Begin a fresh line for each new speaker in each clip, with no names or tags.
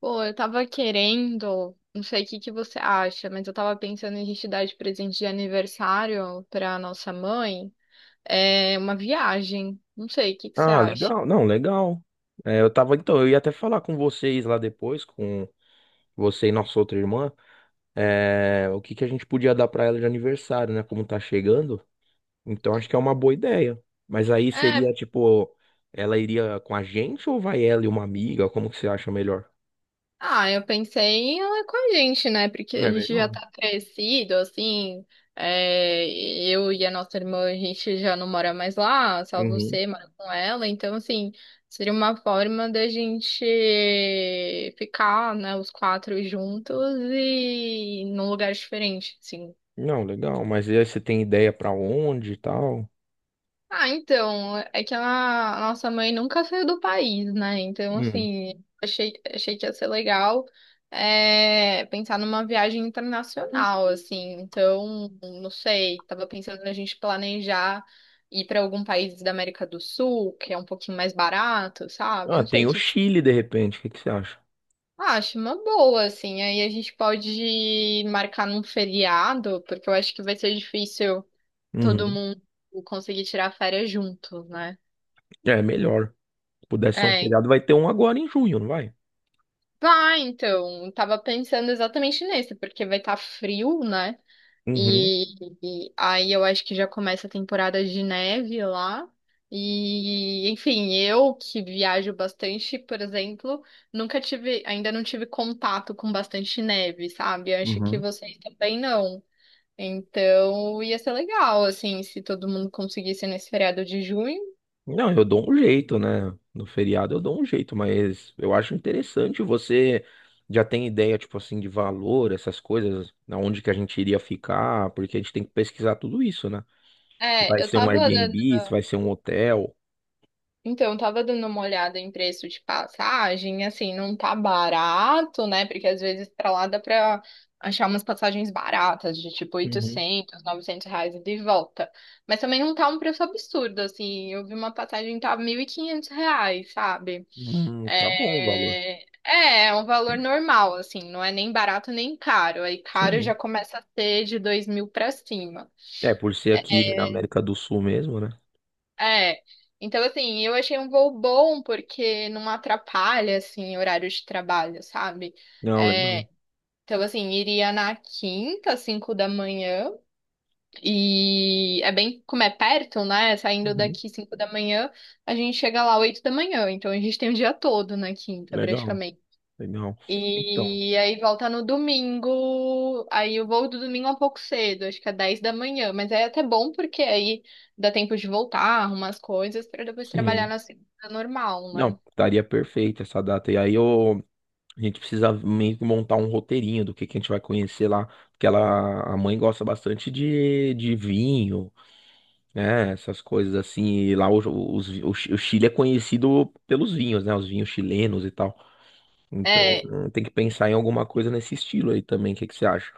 Pô, eu tava querendo, não sei o que que você acha, mas eu tava pensando em a gente dar de presente de aniversário pra nossa mãe, é uma viagem. Não sei, o que que você
Ah,
acha?
legal. Não, legal. É, então, eu ia até falar com vocês lá depois, com você e nossa outra irmã, o que que a gente podia dar pra ela de aniversário, né? Como tá chegando. Então acho que é uma boa ideia. Mas aí
É,
seria tipo, ela iria com a gente ou vai ela e uma amiga? Como que você acha melhor?
ah, eu pensei em ela com a gente, né? Porque a
É
gente já
melhor.
tá crescido, assim. Eu e a nossa irmã, a gente já não mora mais lá, só
Uhum.
você mora com ela. Então, assim, seria uma forma da gente ficar, né, os quatro juntos e num lugar diferente, assim.
Não, legal. Mas e aí você tem ideia pra onde e tal?
Ah, então, é que a nossa mãe nunca saiu do país, né? Então,
Hum.
assim, achei que ia ser legal, pensar numa viagem internacional, assim. Então, não sei, tava pensando na gente planejar ir para algum país da América do Sul, que é um pouquinho mais barato, sabe?
Ah,
Não sei
tem
o
o
que que você
Chile de repente. O que que você acha?
acha, uma boa, assim. Aí a gente pode marcar num feriado, porque eu acho que vai ser difícil todo
Uhum.
mundo conseguir tirar férias juntos, né?
É melhor. Se pudesse ser um
É,
feriado, vai ter um agora em junho, não vai?
ah, então, tava pensando exatamente nesse, porque vai estar frio, né?
Uhum.
E aí eu acho que já começa a temporada de neve lá. E, enfim, eu que viajo bastante, por exemplo, nunca tive, ainda não tive contato com bastante neve, sabe? Eu acho que
Uhum.
vocês também não. Então, ia ser legal, assim, se todo mundo conseguisse nesse feriado de junho.
Não, eu dou um jeito, né? No feriado eu dou um jeito, mas eu acho interessante você já tem ideia, tipo assim, de valor, essas coisas, aonde que a gente iria ficar, porque a gente tem que pesquisar tudo isso, né? Se
É,
vai
eu
ser um
tava
Airbnb, se vai ser um hotel.
então, eu tava dando uma olhada em preço de passagem, assim, não tá barato, né? Porque às vezes pra lá dá pra achar umas passagens baratas, de tipo
Uhum.
800, 900 reais ida e de volta. Mas também não tá um preço absurdo, assim. Eu vi uma passagem que tava 1.500 reais, sabe?
Tá bom o valor.
É um valor normal, assim, não é nem barato nem caro. Aí caro já
Sim.
começa a ser de 2.000 pra cima.
É, por ser aqui na América do Sul mesmo, né?
É. Então, assim, eu achei um voo bom porque não atrapalha, assim, horário de trabalho, sabe?
Não, legal.
É, então, assim, iria na quinta, às 5 da manhã, e é bem como é perto, né? Saindo
Uhum.
daqui 5 da manhã, a gente chega lá 8 da manhã, então a gente tem o dia todo na quinta,
Legal, legal. Então,
e aí volta no domingo. Aí o voo do domingo é um pouco cedo, acho que é 10 da manhã. Mas é até bom porque aí dá tempo de voltar, arrumar as coisas, para depois trabalhar
sim.
na segunda normal,
Não,
né?
estaria perfeito essa data. E aí eu A gente precisa meio que montar um roteirinho do que a gente vai conhecer lá. Porque ela, a mãe gosta bastante de vinho, né? Essas coisas assim. E lá o Chile é conhecido pelos vinhos, né? Os vinhos chilenos e tal. Então
É,
tem que pensar em alguma coisa nesse estilo aí também. O que, que você acha?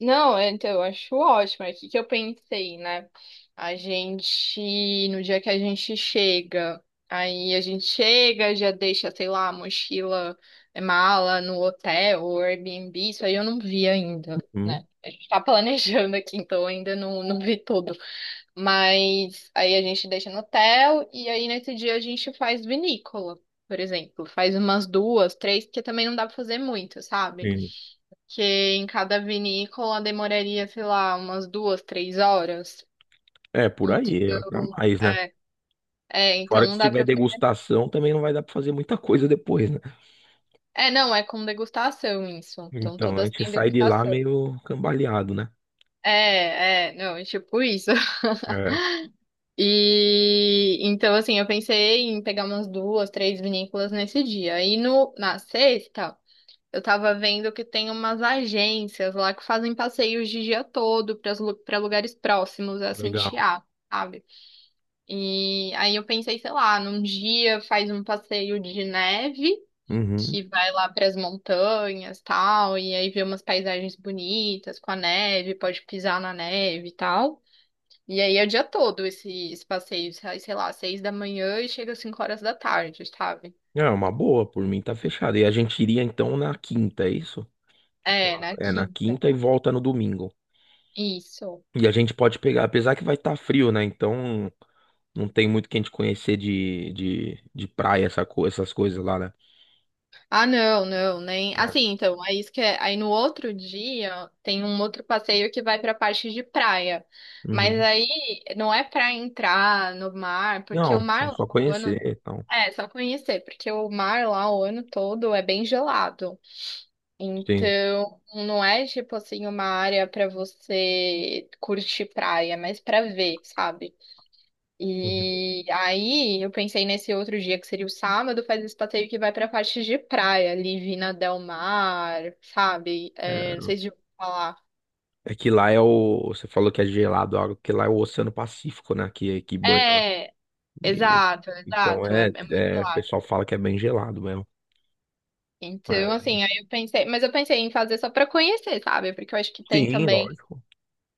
não, então, eu acho ótimo. É o que que eu pensei, né? No dia que a gente chega, aí a gente chega, já deixa, sei lá, a mochila, mala no hotel ou Airbnb, isso aí eu não vi ainda,
Hum,
né? A gente tá planejando aqui, então ainda não, não vi tudo. Mas aí a gente deixa no hotel e aí nesse dia a gente faz vinícola, por exemplo. Faz umas duas, três, porque também não dá pra fazer muito, sabe?
sim.
Que em cada vinícola demoraria, sei lá, umas duas, três horas.
É, por aí, é pra
Então,
mais, né? Fora que
não
se
dá
tiver
pra fazer.
degustação, também não vai dar pra fazer muita coisa depois, né?
É, não, é com degustação isso. Então
Então a
todas
gente
têm
sai de lá
degustação.
meio cambaleado, né?
É, não, é tipo isso.
É,
E então, assim, eu pensei em pegar umas duas, três vinícolas nesse dia. E no, na sexta, eu tava vendo que tem umas agências lá que fazem passeios de dia todo para lugares próximos a
legal.
Santiago, sabe? E aí eu pensei, sei lá, num dia faz um passeio de neve,
Uhum.
que vai lá para as montanhas, tal, e aí vê umas paisagens bonitas com a neve, pode pisar na neve e tal. E aí é o dia todo esse passeio, sai, sei lá, 6 da manhã e chega às 5 horas da tarde, sabe?
É uma boa, por mim tá fechado. E a gente iria então na quinta, é isso?
É, na
É na
quinta.
quinta e volta no domingo.
Isso.
E a gente pode pegar, apesar que vai estar frio, né? Então não tem muito que a gente conhecer de praia, essas coisas lá, né?
Ah, não, não, nem.
É.
Assim, então, é isso que é. Aí no outro dia tem um outro passeio que vai pra parte de praia. Mas
Uhum.
aí não é pra entrar no mar, porque
Não,
o mar
é
lá
só
o
conhecer,
ano.
então.
É, só conhecer, porque o mar lá o ano todo é bem gelado.
Sim.
Então, não é tipo assim uma área pra você curtir praia, mas pra ver, sabe?
Uhum.
E aí eu pensei nesse outro dia que seria o sábado, faz esse passeio que vai pra parte de praia, ali Vina Del Mar, sabe?
É,
É, não sei se eu vou falar.
é que lá é o. Você falou que é gelado, a água, porque lá é o Oceano Pacífico, né? Que banha lá.
É,
E-
exato,
então
exato, é,
é,
é muito
é. O
lá.
pessoal fala que é bem gelado mesmo.
Então,
É.
assim, aí eu pensei, mas eu pensei em fazer só pra conhecer, sabe? Porque eu acho que tem
Sim,
também.
lógico.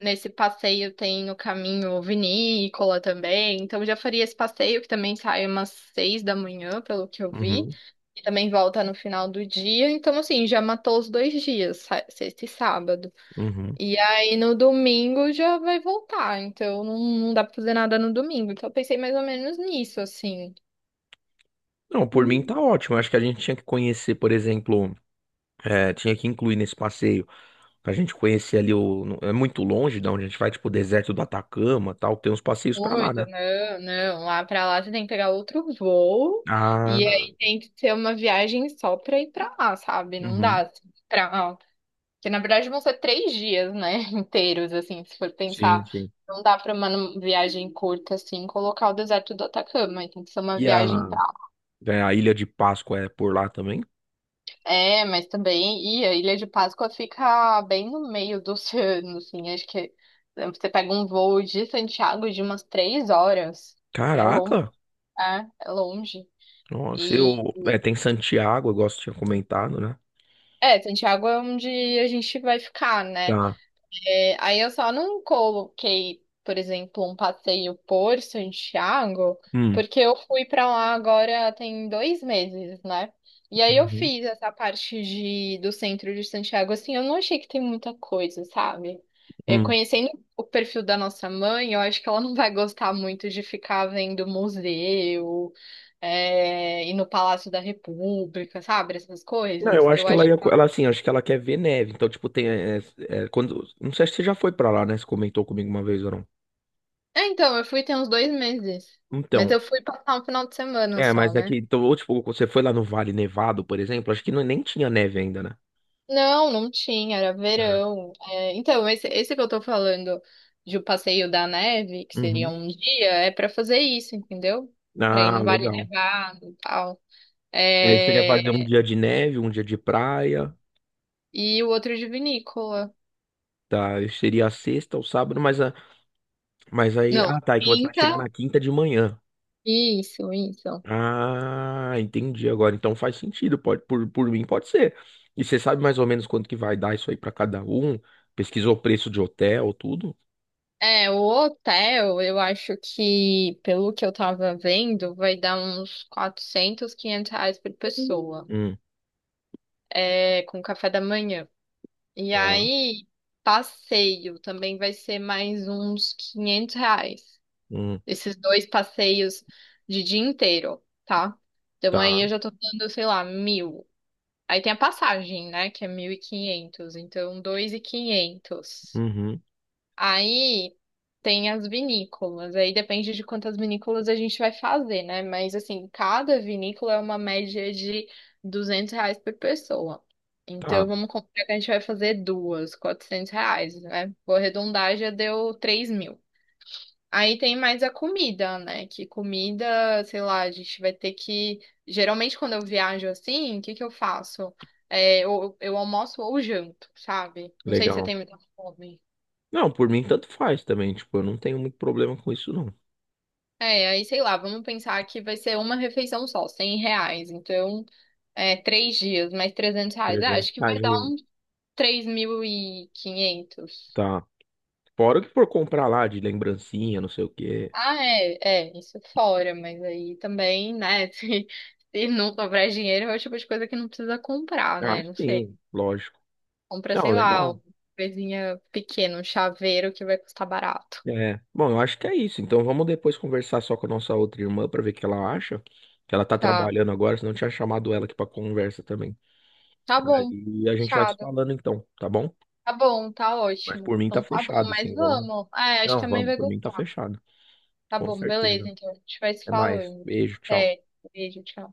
Nesse passeio tem o caminho vinícola também, então já faria esse passeio que também sai umas 6 da manhã, pelo que eu vi,
Uhum.
e também volta no final do dia, então assim, já matou os dois dias, sexta e sábado.
Uhum.
E aí no domingo já vai voltar, então não, não dá pra fazer nada no domingo, então eu pensei mais ou menos nisso, assim.
Não, por mim tá ótimo. Eu acho que a gente tinha que conhecer, por exemplo, tinha que incluir nesse passeio pra gente conhecer ali o. no- É muito longe da onde a gente vai, tipo, o deserto do Atacama, tal. Tem uns passeios pra lá,
Muito,
né?
não, não. Lá pra lá você tem que pegar outro voo. E
Ah,
aí tem que ser uma viagem só pra ir pra lá, sabe? Não dá
uhum.
assim, pra que na verdade vão ser 3 dias, né? Inteiros, assim, se for pensar.
Sim, sim.
Não dá pra uma viagem curta, assim, colocar o deserto do Atacama. Tem que ser uma
E a,
viagem pra.
é, a Ilha de Páscoa é por lá também?
É, mas também. E a Ilha de Páscoa fica bem no meio do oceano, assim. Acho que você pega um voo de Santiago de umas 3 horas, assim. É longo.
Caraca!
É, é longe.
Nossa,
E.
eu. Tem Santiago, eu gosto de tinha comentado, né?
É, Santiago é onde a gente vai ficar, né?
Tá.
É, aí eu só não coloquei, por exemplo, um passeio por Santiago,
Hum.
porque eu fui pra lá agora tem 2 meses, né? E aí eu
Uhum.
fiz essa parte do centro de Santiago, assim, eu não achei que tem muita coisa, sabe? É,
Hum.
conhecendo o perfil da nossa mãe, eu acho que ela não vai gostar muito de ficar vendo museu, ir no Palácio da República, sabe? Essas
Não,
coisas.
eu acho
Eu
que ela
acho.
ia, ela assim, acho que ela quer ver neve. Então, tipo, tem quando, não sei se você já foi pra lá, né? Você comentou comigo uma vez ou não.
É, então, eu fui tem uns 2 meses. Mas
Então,
eu fui passar um final de semana só,
mas é que
né?
então, ou tipo, você foi lá no Vale Nevado, por exemplo, acho que não, nem tinha neve ainda, né?
Não, não tinha, era
É.
verão. É, então, esse que eu tô falando de o passeio da neve, que seria
Uhum.
um dia, é pra fazer isso, entendeu? Pra ir
Ah,
no Vale
legal.
Nevado e tal.
E aí você quer fazer um
É,
dia de neve, um dia de praia,
e o outro de vinícola.
tá? Seria a sexta ou sábado, mas aí,
Não,
ah, tá, é que você vai chegar
quinta.
na quinta de manhã.
Isso, isso.
Ah, entendi agora. Então faz sentido, por mim pode ser. E você sabe mais ou menos quanto que vai dar isso aí pra cada um? Pesquisou o preço de hotel, tudo?
É, o hotel, eu acho que, pelo que eu tava vendo, vai dar uns 400, 500 reais por pessoa.
Hum,
É, com café da manhã. E
tá.
aí, passeio também vai ser mais uns 500 reais.
Hum,
Esses dois passeios de dia inteiro, tá? Então aí
tá.
eu já tô dando, sei lá, 1.000. Aí tem a passagem, né, que é 1.500, então 2.500.
Uhum,
Aí tem as vinícolas, aí depende de quantas vinícolas a gente vai fazer, né? Mas assim, cada vinícola é uma média de 200 reais por pessoa.
tá.
Então vamos comprar que a gente vai fazer duas, 400 reais, né? Vou arredondar, já deu 3.000. Aí tem mais a comida, né? Que comida, sei lá, a gente vai ter que. Geralmente quando eu viajo assim, o que que eu faço? É, eu almoço ou janto, sabe? Não sei se você
Legal.
tem muita fome.
Não, por mim tanto faz também, tipo, eu não tenho muito problema com isso não.
É, aí sei lá, vamos pensar que vai ser uma refeição só, 100 reais. Então, 3 dias, mais 300 reais. Ah,
Trezentos.
acho que vai
reais.
dar uns 3.500.
Tá. Fora o que for comprar lá de lembrancinha, não sei o quê.
Ah, isso fora, mas aí também, né, se, não sobrar dinheiro, é o tipo de coisa que não precisa comprar,
Ah,
né? Não
sim,
sei.
lógico.
Compra,
Não,
sei lá,
legal.
uma coisinha pequena, um chaveiro que vai custar barato.
É. Bom, eu acho que é isso. Então vamos depois conversar só com a nossa outra irmã para ver o que ela acha. Que ela tá
Tá,
trabalhando agora, senão eu tinha chamado ela aqui para conversa também.
tá bom.
Aí a gente vai se
Fechado.
falando então, tá bom?
Tá bom, tá
Mas
ótimo.
por mim tá
Então tá bom,
fechado,
mas
sim, vamos.
vamos. É, acho que
Não,
a mãe
vamos,
vai
por mim tá
gostar.
fechado.
Tá
Com
bom, beleza,
certeza.
então. A gente vai se
Até mais.
falando.
Beijo, tchau.
Até. Beijo, tchau.